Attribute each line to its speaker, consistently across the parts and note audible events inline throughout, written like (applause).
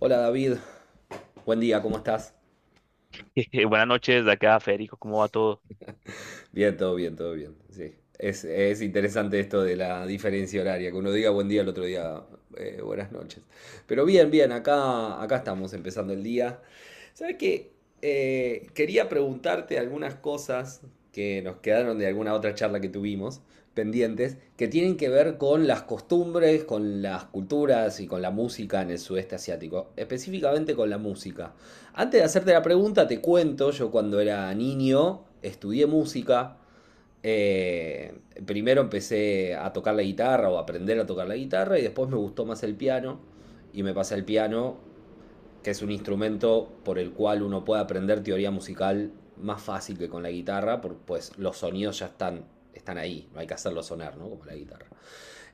Speaker 1: Hola David, buen día, ¿cómo estás?
Speaker 2: (laughs) Buenas noches, de acá, Federico, ¿cómo va todo?
Speaker 1: Bien, todo bien, todo bien, sí. Es interesante esto de la diferencia horaria, que uno diga buen día, el otro día buenas noches. Pero bien, bien, acá estamos empezando el día. ¿Sabes qué? Quería preguntarte algunas cosas que nos quedaron de alguna otra charla que tuvimos pendientes, que tienen que ver con las costumbres, con las culturas y con la música en el sudeste asiático, específicamente con la música. Antes de hacerte la pregunta, te cuento, yo cuando era niño estudié música. Eh, Primero empecé a tocar la guitarra o a aprender a tocar la guitarra y después me gustó más el piano y me pasé al piano, que es un instrumento por el cual uno puede aprender teoría musical más fácil que con la guitarra, porque pues los sonidos ya están ahí, no hay que hacerlos sonar, ¿no? Como la guitarra.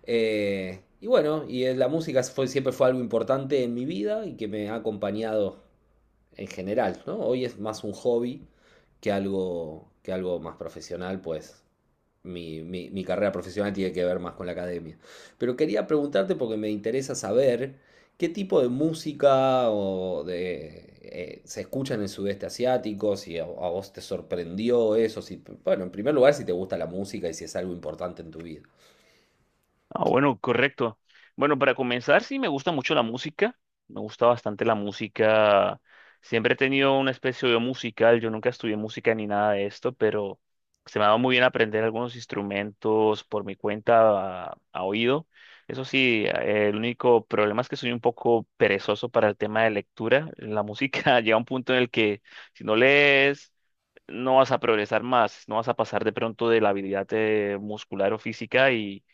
Speaker 1: Y bueno, y la música siempre fue algo importante en mi vida y que me ha acompañado en general, ¿no? Hoy es más un hobby que que algo más profesional, pues mi carrera profesional tiene que ver más con la academia. Pero quería preguntarte porque me interesa saber qué tipo de música o de, se escucha en el sudeste asiático, si a vos te sorprendió eso, si, bueno, en primer lugar, si te gusta la música y si es algo importante en tu vida.
Speaker 2: Ah, bueno, correcto. Bueno, para comenzar, sí, me gusta mucho la me gusta bastante la música. Siempre he tenido una especie de musical, yo nunca estudié música ni nada de esto, pero se me ha dado muy bien aprender algunos instrumentos por mi cuenta a oído. Eso sí, el único problema es que soy un poco perezoso para el tema de lectura. La música (laughs) llega a un punto en el que si no lees no vas a progresar más, no vas a pasar de pronto de la habilidad muscular o física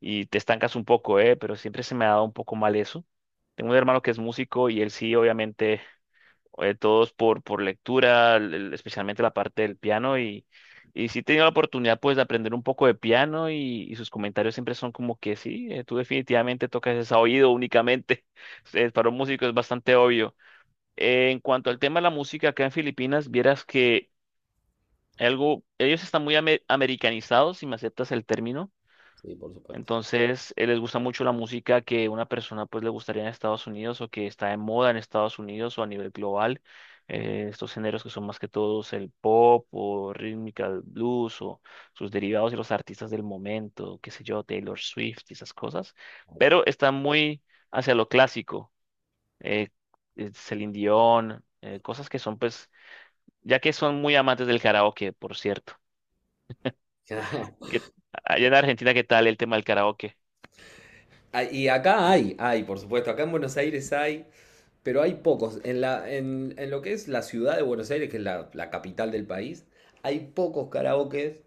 Speaker 2: y te estancas un poco, ¿eh? Pero siempre se me ha dado un poco mal eso. Tengo un hermano que es músico y él sí, obviamente, todos por lectura, especialmente la parte del piano, y sí he tenido la oportunidad pues de aprender un poco de piano y sus comentarios siempre son como que sí, tú definitivamente tocas es a oído únicamente. (laughs) Para un músico es bastante obvio. En cuanto al tema de la música acá en Filipinas, vieras que algo, ellos están muy americanizados, si me aceptas el término.
Speaker 1: Sí, por supuesto.
Speaker 2: Entonces, les gusta mucho la música que una persona pues le gustaría en Estados Unidos o que está de moda en Estados Unidos o a nivel global. Estos géneros que son más que todos el pop o rítmica, el blues o sus derivados y los artistas del momento, qué sé yo, Taylor Swift y esas cosas. Pero están muy hacia lo clásico, eh, Celine Dion, cosas que son pues, ya que son muy amantes del karaoke, por cierto.
Speaker 1: (laughs)
Speaker 2: ¿Qué- Allá en Argentina, ¿qué tal el tema del karaoke?
Speaker 1: Ah, y acá hay, por supuesto, acá en Buenos Aires hay, pero hay pocos. En lo que es la ciudad de Buenos Aires, que es la capital del país, hay pocos karaokes.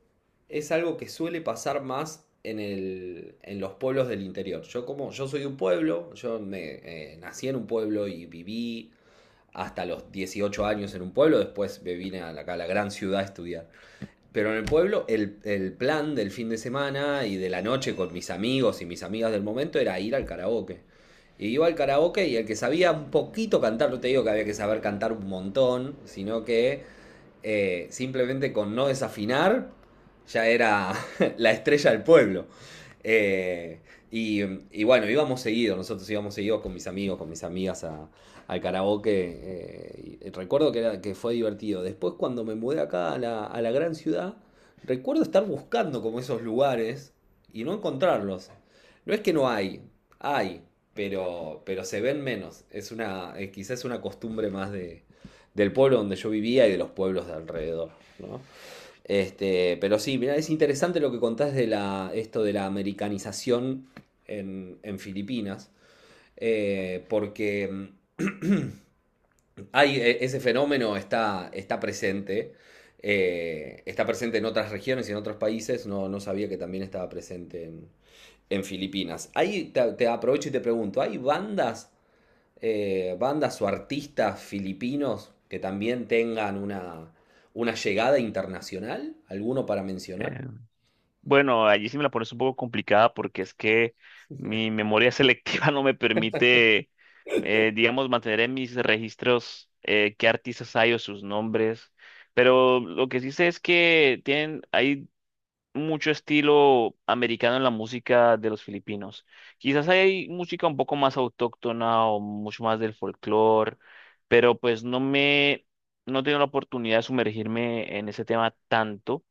Speaker 1: Es algo que suele pasar más en los pueblos del interior. Yo soy de un pueblo, yo nací en un pueblo y viví hasta los 18 años en un pueblo, después me vine a acá a la gran ciudad a estudiar. Pero en el pueblo el plan del fin de semana y de la noche con mis amigos y mis amigas del momento era ir al karaoke. Y iba al karaoke y el que sabía un poquito cantar, no te digo que había que saber cantar un montón, sino que simplemente con no desafinar, ya era (laughs) la estrella del pueblo. Eh, y, bueno, íbamos seguidos nosotros íbamos seguidos con mis amigos, con mis amigas al karaoke. Y recuerdo que fue divertido. Después cuando me mudé acá a a la gran ciudad, recuerdo estar buscando como esos lugares y no encontrarlos. No es que no hay, pero se ven menos. Es quizás es una costumbre más del pueblo donde yo vivía y de los pueblos de alrededor, ¿no? Este, pero sí, mira, es interesante lo que contás de esto de la americanización en Filipinas, eh, porque mm, hay, ese fenómeno está presente en otras regiones y en otros países, no sabía que también estaba presente en Filipinas. Ahí te aprovecho y te pregunto, ¿hay bandas bandas o artistas filipinos que también tengan una llegada internacional? ¿Alguno para mencionar?
Speaker 2: Eh, bueno, allí sí me la pones un poco complicada porque es que mi memoria selectiva (laughs) no me permite, digamos, mantener en mis registros qué artistas hay o sus nombres. Pero lo que sí sé es que tienen, hay mucho estilo americano en la música de los filipinos. Quizás hay música un poco más autóctona o mucho más del folclore, pero pues no no he tenido la oportunidad de sumergirme en ese tema tanto,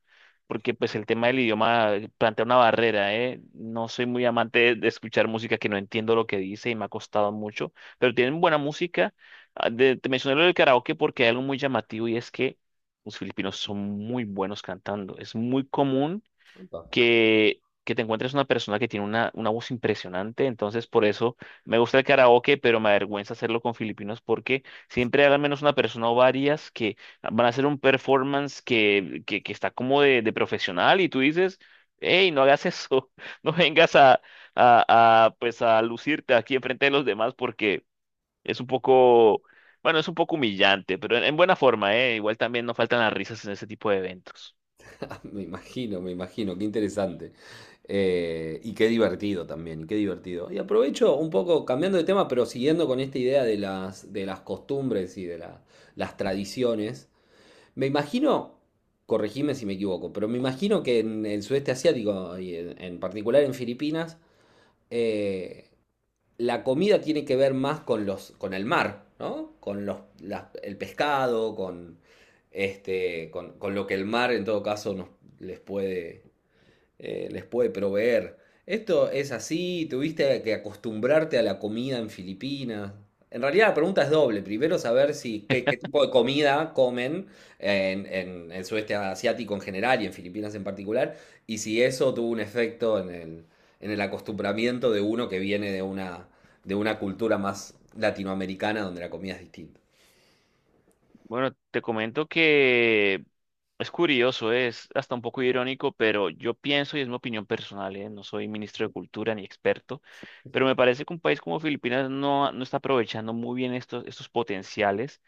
Speaker 2: porque pues el tema del idioma plantea una barrera, ¿eh? No soy muy amante de escuchar música que no entiendo lo que dice y me ha costado mucho, pero tienen buena música. Ah, te mencioné lo del karaoke porque hay algo muy llamativo y es que los filipinos son muy buenos cantando. Es muy común
Speaker 1: Opa.
Speaker 2: que te encuentres una persona que tiene una voz impresionante. Entonces, por eso me gusta el karaoke, pero me avergüenza hacerlo con filipinos porque siempre hay al menos una persona o varias que van a hacer un performance que está como de profesional y tú dices, hey, no hagas eso, (laughs) no vengas pues a lucirte aquí enfrente de los demás porque es un poco... Bueno, es un poco humillante, pero en buena forma, ¿eh? Igual también no faltan las risas en ese tipo de eventos.
Speaker 1: (laughs) Me imagino, qué interesante. Y qué divertido también, y qué divertido. Y aprovecho un poco, cambiando de tema, pero siguiendo con esta idea de de las costumbres y de las tradiciones, me imagino, corregime si me equivoco, pero me imagino que en el sudeste asiático y en particular en Filipinas, eh, la comida tiene que ver más con con el mar, ¿no? Con el pescado, con lo que el mar en todo caso les puede les puede proveer. Esto es así, tuviste que acostumbrarte a la comida en Filipinas. En realidad la pregunta es doble. Primero saber si qué tipo de comida comen en el sudeste asiático en general y en Filipinas en particular, y si eso tuvo un efecto en en el acostumbramiento de uno que viene de de una cultura más latinoamericana donde la comida es distinta.
Speaker 2: Bueno, te comento que es curioso, es hasta un poco irónico, pero yo pienso, y es mi opinión personal, ¿eh? No soy ministro de Cultura ni experto, pero me parece que un país como Filipinas no está aprovechando muy bien estos potenciales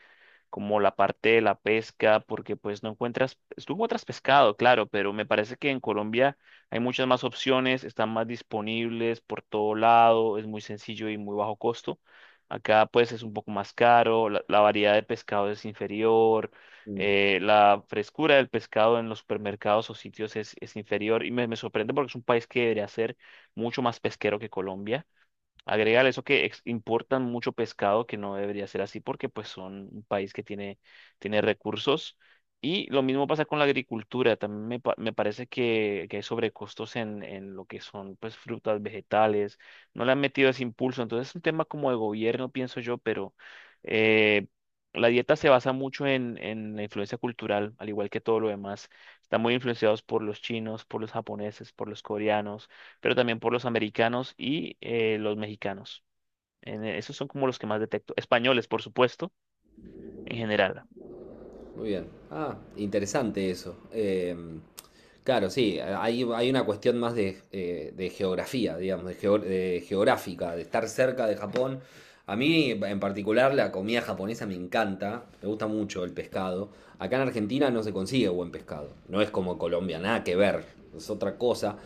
Speaker 2: como la parte de la pesca, porque pues no encuentras, tú encuentras pescado, claro, pero me parece que en Colombia hay muchas más opciones, están más disponibles por todo lado, es muy sencillo y muy bajo costo. Acá pues es un poco más caro, la variedad de pescado es inferior, la frescura del pescado en los supermercados o sitios es inferior y me sorprende porque es un país que debería ser mucho más pesquero que Colombia. Agregar eso que importan mucho pescado, que no debería ser así porque pues son un país que tiene, tiene recursos. Y lo mismo pasa con la agricultura. También me parece que hay sobrecostos en lo que son pues frutas, vegetales. No le han metido ese impulso. Entonces es un tema como de gobierno, pienso yo, pero eh, la dieta se basa mucho en la influencia cultural, al igual que todo lo demás. Están muy influenciados por los chinos, por los japoneses, por los coreanos pero también por los americanos y los mexicanos. Esos son como los que más detecto. Españoles, por supuesto, en general.
Speaker 1: Muy bien. Ah, interesante eso. Claro, sí, hay una cuestión más de geografía, digamos, de geográfica, de estar cerca de Japón. A mí, en particular, la comida japonesa me encanta, me gusta mucho el pescado. Acá en Argentina no se consigue buen pescado, no es como Colombia, nada que ver, es otra cosa.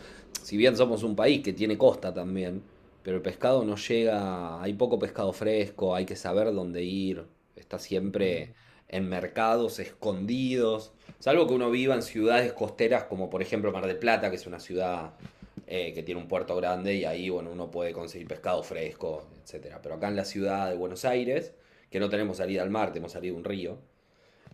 Speaker 1: Si bien somos un país que tiene costa también, pero el pescado no llega, hay poco pescado fresco, hay que saber dónde ir, está
Speaker 2: Ujú.
Speaker 1: siempre en mercados escondidos, salvo que uno viva en ciudades costeras como por ejemplo Mar del Plata, que es una ciudad que tiene un puerto grande y ahí bueno, uno puede conseguir pescado fresco, etcétera. Pero acá en la ciudad de Buenos Aires, que no tenemos salida al mar, tenemos salida a un río,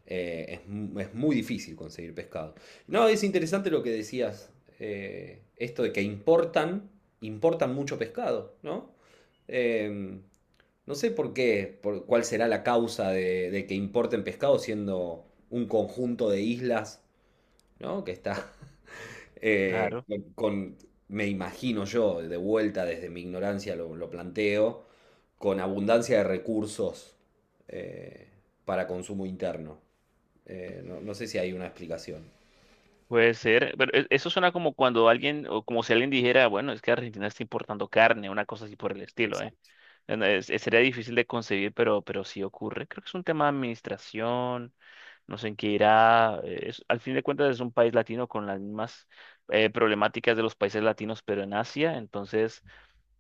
Speaker 1: eh, es, es muy difícil conseguir pescado. No, es interesante lo que decías, esto de que importan mucho pescado, ¿no? Em, no sé por qué, por cuál será la causa de que importen pescado siendo un conjunto de islas, ¿no? Que está (laughs) eh,
Speaker 2: Claro,
Speaker 1: con, con- me imagino yo, de vuelta desde mi ignorancia lo planteo, con abundancia de recursos eh, para consumo interno. No sé si hay una explicación.
Speaker 2: puede ser. Pero eso suena como cuando alguien, o como si alguien dijera, bueno, es que Argentina está importando carne, una cosa así por el estilo, ¿eh?
Speaker 1: Exacto.
Speaker 2: No, sería difícil de concebir, pero sí ocurre. Creo que es un tema de administración, no sé en qué irá. Al fin de cuentas es un país latino con las mismas problemáticas de los países latinos, pero en Asia, entonces...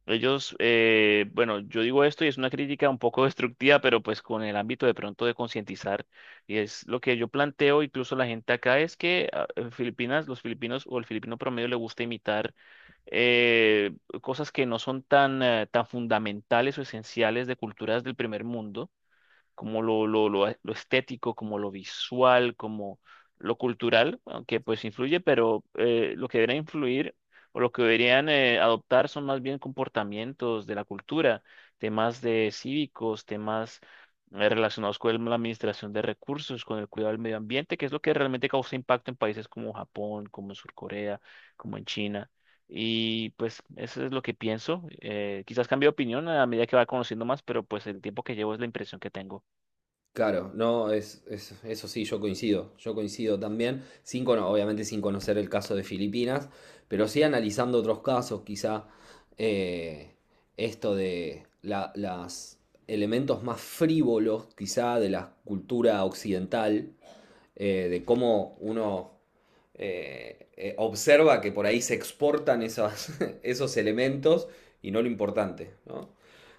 Speaker 2: Ellos, bueno, yo digo esto y es una crítica un poco (laughs) destructiva, pero pues con el ámbito de pronto de concientizar. Y es lo que yo planteo, incluso la gente acá, es que ah, en Filipinas, los filipinos o el filipino promedio le gusta imitar eh, cosas que no son tan, tan fundamentales o esenciales de culturas del primer mundo como lo estético, como lo visual, como lo cultural, aunque pues influye, pero lo que debería influir o lo que deberían adoptar son más bien comportamientos de la cultura, temas de cívicos, temas relacionados con la administración de recursos, con el cuidado del medio ambiente, que es lo que realmente causa impacto en países como Japón, como en Sur Corea, como en China. Y pues eso es lo que pienso. Quizás cambie de opinión a medida que va conociendo más, pero pues el tiempo que llevo es la impresión que tengo.
Speaker 1: Claro, no, es- Eso sí, yo coincido también, sin, cono- obviamente sin conocer el caso de Filipinas, pero sí analizando otros casos, quizá eh, esto de la- las elementos más frívolos, quizá de la cultura occidental, de cómo uno observa que por ahí se exportan (laughs) esos elementos y no lo importante, ¿no?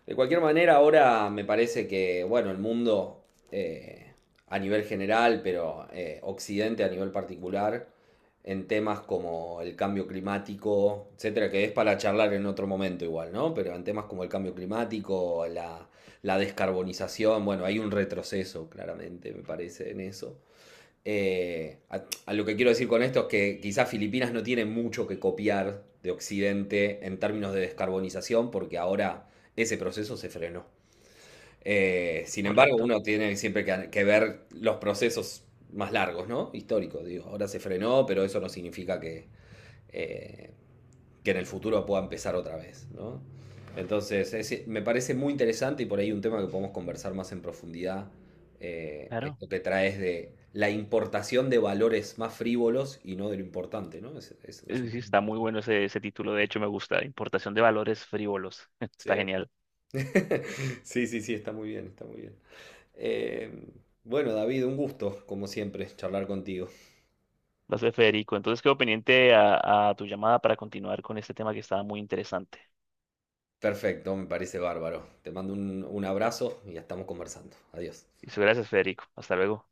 Speaker 1: De cualquier manera, ahora me parece que, bueno, el mundo eh, a nivel general, pero Occidente a nivel particular, en temas como el cambio climático, etcétera, que es para charlar en otro momento igual, ¿no? Pero en temas como el cambio climático, la descarbonización, bueno, hay un retroceso, claramente, me parece, en eso. A lo que quiero decir con esto es que quizás Filipinas no tiene mucho que copiar de Occidente en términos de descarbonización, porque ahora ese proceso se frenó. Sin embargo,
Speaker 2: Correcto,
Speaker 1: uno tiene siempre que ver los procesos más largos, ¿no? Históricos, digo. Ahora se frenó, pero eso no significa eh, que en el futuro pueda empezar otra vez, ¿no? Entonces, me parece muy interesante y por ahí un tema que podemos conversar más en profundidad,
Speaker 2: claro.
Speaker 1: esto que traes de la importación de valores más frívolos y no de lo importante, ¿no?
Speaker 2: Sí, está muy bueno ese título, de hecho me gusta, Importación de Valores Frívolos, (laughs) está
Speaker 1: Sí.
Speaker 2: genial.
Speaker 1: (laughs) Sí, sí, sí, está muy bien, está muy bien. Eh, bueno, David, un gusto, como siempre, charlar contigo.
Speaker 2: Gracias, Federico. Entonces quedo pendiente a tu llamada para continuar con este tema que estaba muy interesante.
Speaker 1: Perfecto, me parece bárbaro. Te mando un abrazo y ya estamos conversando. Adiós.
Speaker 2: Y gracias, Federico. Hasta luego.